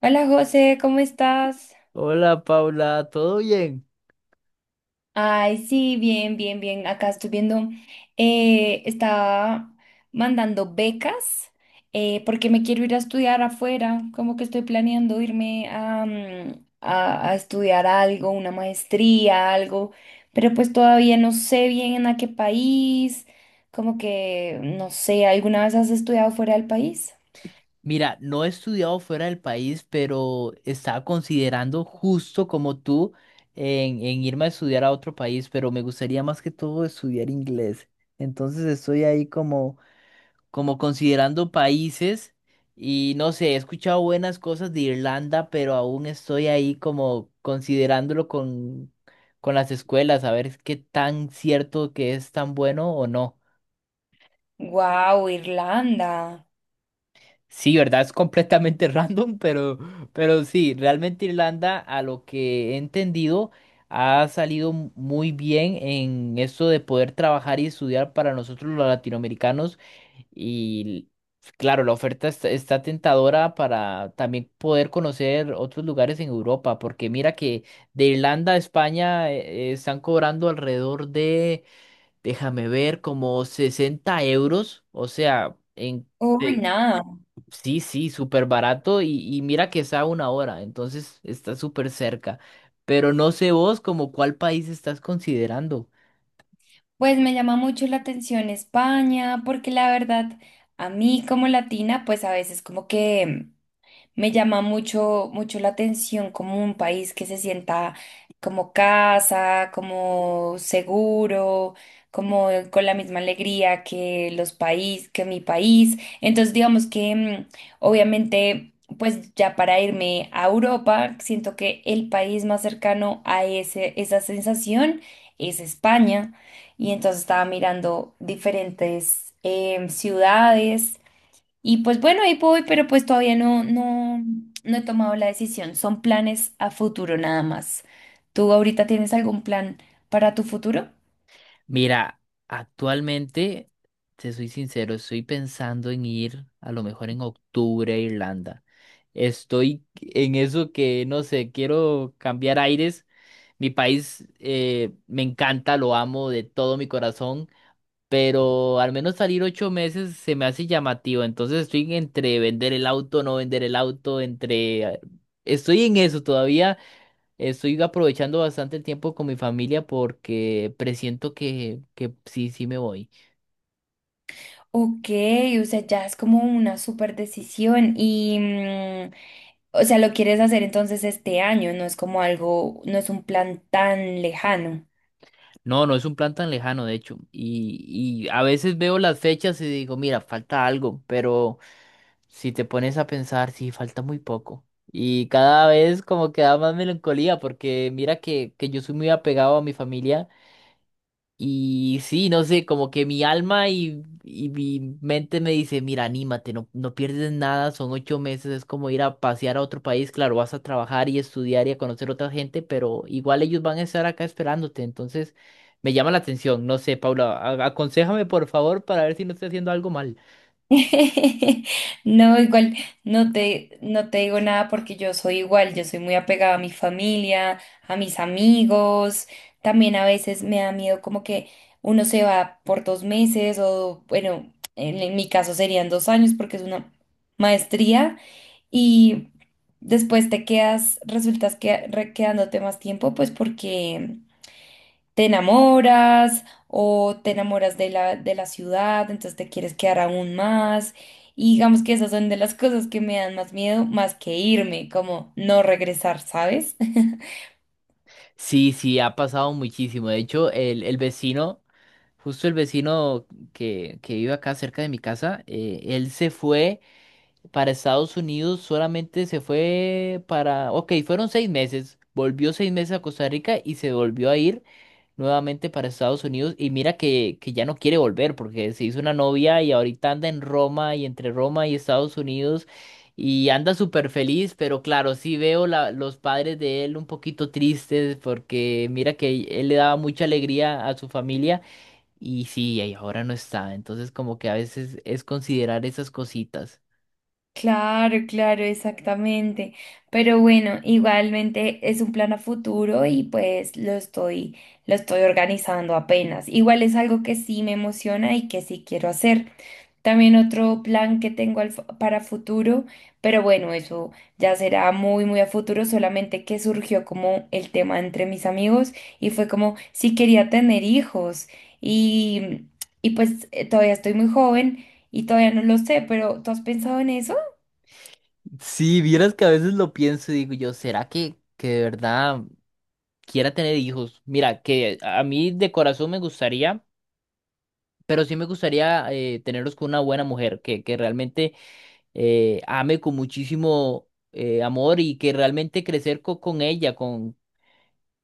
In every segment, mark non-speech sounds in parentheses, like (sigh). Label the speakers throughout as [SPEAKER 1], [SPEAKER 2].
[SPEAKER 1] Hola José, ¿cómo estás?
[SPEAKER 2] Hola Paula, ¿todo bien?
[SPEAKER 1] Ay, sí, bien, bien, bien. Acá estoy viendo, estaba mandando becas porque me quiero ir a estudiar afuera, como que estoy planeando irme a, a estudiar algo, una maestría, algo, pero pues todavía no sé bien a qué país, como que, no sé, ¿alguna vez has estudiado fuera del país?
[SPEAKER 2] Mira, no he estudiado fuera del país, pero estaba considerando justo como tú en irme a estudiar a otro país, pero me gustaría más que todo estudiar inglés. Entonces estoy ahí como, como considerando países y no sé, he escuchado buenas cosas de Irlanda, pero aún estoy ahí como considerándolo con las escuelas, a ver qué tan cierto que es tan bueno o no.
[SPEAKER 1] Wow, Irlanda.
[SPEAKER 2] Sí, ¿verdad? Es completamente (laughs) random, pero sí, realmente Irlanda, a lo que he entendido, ha salido muy bien en esto de poder trabajar y estudiar para nosotros los latinoamericanos. Y claro, la oferta está, está tentadora para también poder conocer otros lugares en Europa, porque mira que de Irlanda a España están cobrando alrededor de, déjame ver, como 60 euros, o sea, en...
[SPEAKER 1] Uy, nada.
[SPEAKER 2] Sí, sí, súper barato y mira que está a una hora, entonces está súper cerca. Pero no sé vos como cuál país estás considerando.
[SPEAKER 1] Pues me llama mucho la atención España, porque la verdad, a mí como latina, pues a veces como que me llama mucho, mucho la atención como un país que se sienta como casa, como seguro, como con la misma alegría que los países, que mi país. Entonces, digamos que obviamente, pues ya para irme a Europa, siento que el país más cercano a ese, esa sensación es España. Y entonces estaba mirando diferentes ciudades y pues bueno, ahí voy, pero pues todavía no he tomado la decisión. Son planes a futuro nada más. ¿Tú ahorita tienes algún plan para tu futuro?
[SPEAKER 2] Mira, actualmente, te soy sincero, estoy pensando en ir a lo mejor en octubre a Irlanda. Estoy en eso que, no sé, quiero cambiar aires. Mi país me encanta, lo amo de todo mi corazón. Pero al menos salir 8 meses se me hace llamativo. Entonces estoy entre vender el auto, no vender el auto, entre... Estoy en eso todavía. Estoy aprovechando bastante el tiempo con mi familia porque presiento que sí, sí me voy.
[SPEAKER 1] Ok, o sea, ya es como una super decisión y, o sea, lo quieres hacer entonces este año, no es como algo, no es un plan tan lejano.
[SPEAKER 2] No, no es un plan tan lejano, de hecho. Y a veces veo las fechas y digo, mira, falta algo, pero si te pones a pensar, sí, falta muy poco. Y cada vez como que da más melancolía porque mira que yo soy muy apegado a mi familia. Y sí, no sé, como que mi alma y mi mente me dice, mira, anímate, no, no pierdes nada, son 8 meses, es como ir a pasear a otro país, claro, vas a trabajar y estudiar y a conocer otra gente, pero igual ellos van a estar acá esperándote, entonces me llama la atención, no sé, Paula, aconséjame por favor para ver si no estoy haciendo algo mal.
[SPEAKER 1] (laughs) No, igual, no te digo nada porque yo soy igual, yo soy muy apegada a mi familia, a mis amigos, también a veces me da miedo como que uno se va por 2 meses o bueno, en mi caso serían 2 años porque es una maestría y después te quedas, quedándote más tiempo pues porque te enamoras o te enamoras de de la ciudad, entonces te quieres quedar aún más. Y digamos que esas son de las cosas que me dan más miedo, más que irme, como no regresar, ¿sabes? (laughs)
[SPEAKER 2] Sí, sí, ha pasado muchísimo, de hecho, el vecino, justo el vecino que vive acá cerca de mi casa, él se fue para Estados Unidos. Solamente se fue para, ok, fueron 6 meses, volvió 6 meses a Costa Rica y se volvió a ir nuevamente para Estados Unidos y mira que ya no quiere volver porque se hizo una novia y ahorita anda en Roma y entre Roma y Estados Unidos y anda súper feliz, pero claro, sí veo los padres de él un poquito tristes porque mira que él le daba mucha alegría a su familia. Y sí, y ahora no está. Entonces como que a veces es considerar esas cositas.
[SPEAKER 1] Claro, claro, exactamente. Pero bueno, igualmente es un plan a futuro y pues lo estoy organizando apenas. Igual es algo que sí me emociona y que sí quiero hacer. También otro plan que tengo para futuro, pero bueno, eso ya será muy, muy a futuro, solamente que surgió como el tema entre mis amigos y fue como si quería tener hijos y, y pues todavía estoy muy joven y todavía no lo sé, pero ¿tú has pensado en eso?
[SPEAKER 2] Sí, vieras que a veces lo pienso y digo yo, ¿será que de verdad quiera tener hijos? Mira, que a mí de corazón me gustaría, pero sí me gustaría tenerlos con una buena mujer, que realmente ame con muchísimo amor y que realmente crecer con ella,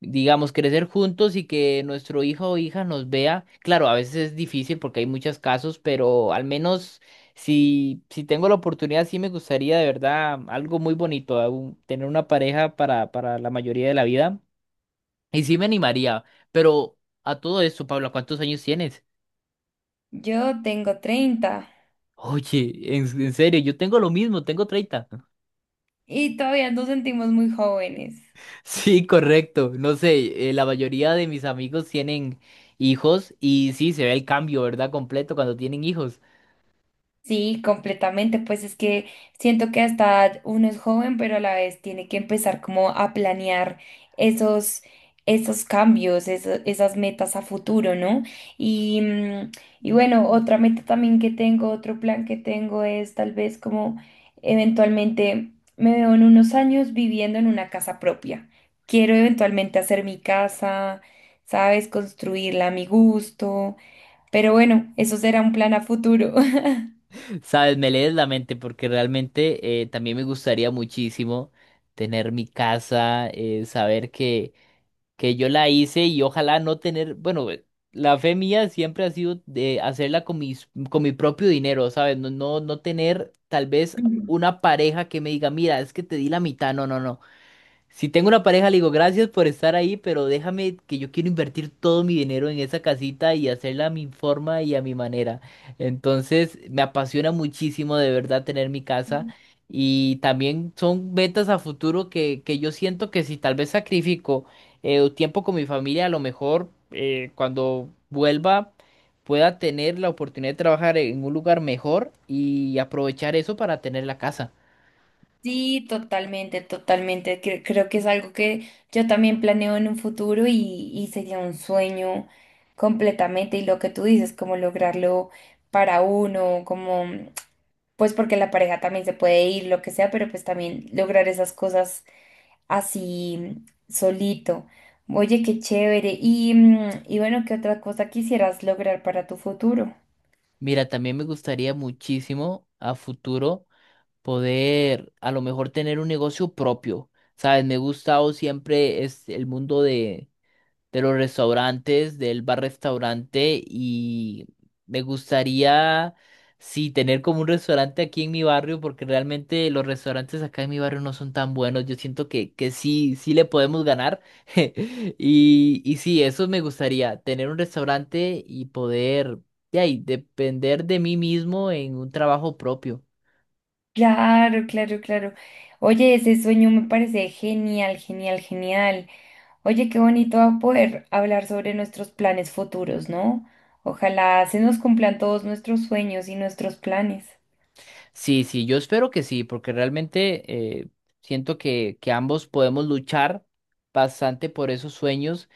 [SPEAKER 2] digamos, crecer juntos y que nuestro hijo o hija nos vea. Claro, a veces es difícil porque hay muchos casos, pero al menos si, si tengo la oportunidad, sí me gustaría de verdad algo muy bonito, tener una pareja para la mayoría de la vida. Y sí me animaría, pero a todo esto, Pablo, ¿cuántos años tienes?
[SPEAKER 1] Yo tengo 30
[SPEAKER 2] Oye, en serio, yo tengo lo mismo, tengo 30. (laughs)
[SPEAKER 1] y todavía nos sentimos muy jóvenes.
[SPEAKER 2] Sí, correcto. No sé, la mayoría de mis amigos tienen hijos y sí, se ve el cambio, ¿verdad? Completo cuando tienen hijos.
[SPEAKER 1] Sí, completamente, pues es que siento que hasta uno es joven, pero a la vez tiene que empezar como a planear esos, esos cambios, esas metas a futuro, ¿no? Y, y bueno, otra meta también que tengo, otro plan que tengo es tal vez como eventualmente me veo en unos años viviendo en una casa propia. Quiero eventualmente hacer mi casa, ¿sabes? Construirla a mi gusto, pero bueno, eso será un plan a futuro.
[SPEAKER 2] Sabes, me lees la mente porque realmente también me gustaría muchísimo tener mi casa, saber que yo la hice y ojalá no tener, bueno, la fe mía siempre ha sido de hacerla con mis, con mi propio dinero, ¿sabes? No, no, no tener tal vez
[SPEAKER 1] (laughs)
[SPEAKER 2] una pareja que me diga, mira, es que te di la mitad, no, no, no. Si tengo una pareja, le digo gracias por estar ahí, pero déjame que yo quiero invertir todo mi dinero en esa casita y hacerla a mi forma y a mi manera. Entonces, me apasiona muchísimo de verdad tener mi casa y también son metas a futuro que yo siento que si tal vez sacrifico tiempo con mi familia, a lo mejor cuando vuelva pueda tener la oportunidad de trabajar en un lugar mejor y aprovechar eso para tener la casa.
[SPEAKER 1] Sí, totalmente, totalmente. Creo, que es algo que yo también planeo en un futuro y sería un sueño completamente. Y lo que tú dices, como lograrlo para uno, como pues porque la pareja también se puede ir, lo que sea, pero pues también lograr esas cosas así solito. Oye, qué chévere. Y, y bueno, ¿qué otra cosa quisieras lograr para tu futuro?
[SPEAKER 2] Mira, también me gustaría muchísimo a futuro poder a lo mejor tener un negocio propio. Sabes, me ha gustado siempre es el mundo de los restaurantes, del bar-restaurante y me gustaría, sí, tener como un restaurante aquí en mi barrio porque realmente los restaurantes acá en mi barrio no son tan buenos. Yo siento que sí, sí le podemos ganar. (laughs) Y sí, eso me gustaría, tener un restaurante y poder, ya, y depender de mí mismo en un trabajo propio.
[SPEAKER 1] Claro, claro, claro. Oye, ese sueño me parece genial, genial, genial. Oye, qué bonito va a poder hablar sobre nuestros planes futuros, ¿no? Ojalá se nos cumplan todos nuestros sueños y nuestros planes.
[SPEAKER 2] Sí, sí, yo espero que sí, porque realmente siento que ambos podemos luchar bastante por esos sueños.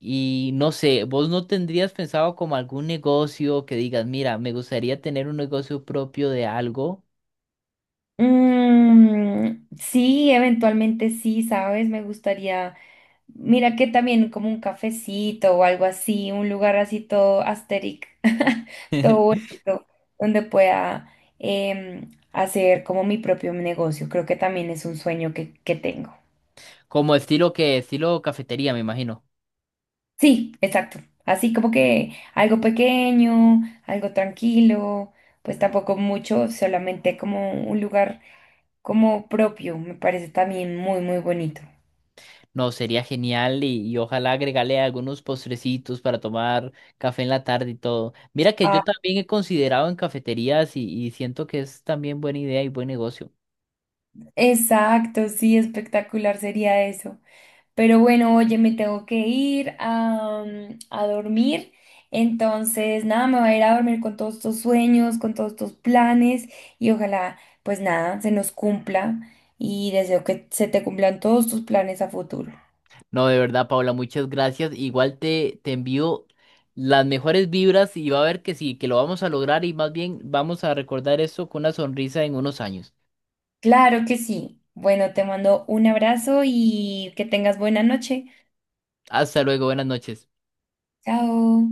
[SPEAKER 2] Y no sé, ¿vos no tendrías pensado como algún negocio que digas, mira, me gustaría tener un negocio propio de algo?
[SPEAKER 1] Mm, sí, eventualmente sí, ¿sabes? Me gustaría, mira que también como un cafecito o algo así, un lugar así todo asteric, (laughs) todo
[SPEAKER 2] (laughs)
[SPEAKER 1] bonito, donde pueda hacer como mi propio negocio. Creo que también es un sueño que tengo.
[SPEAKER 2] Como estilo que, estilo cafetería, me imagino.
[SPEAKER 1] Sí, exacto. Así como que algo pequeño, algo tranquilo, pues tampoco mucho, solamente como un lugar como propio, me parece también muy, muy bonito.
[SPEAKER 2] No, sería genial y ojalá agregarle algunos postrecitos para tomar café en la tarde y todo. Mira que
[SPEAKER 1] Ah,
[SPEAKER 2] yo también he considerado en cafeterías y siento que es también buena idea y buen negocio.
[SPEAKER 1] exacto, sí, espectacular sería eso. Pero bueno, oye, me tengo que ir a, a dormir. Entonces, nada, me voy a ir a dormir con todos estos sueños, con todos estos planes y ojalá, pues nada, se nos cumpla y deseo que se te cumplan todos tus planes a futuro.
[SPEAKER 2] No, de verdad, Paula, muchas gracias. Igual te, te envío las mejores vibras y va a ver que sí, que lo vamos a lograr y más bien vamos a recordar esto con una sonrisa en unos años.
[SPEAKER 1] Claro que sí. Bueno, te mando un abrazo y que tengas buena noche.
[SPEAKER 2] Hasta luego, buenas noches.
[SPEAKER 1] Chao.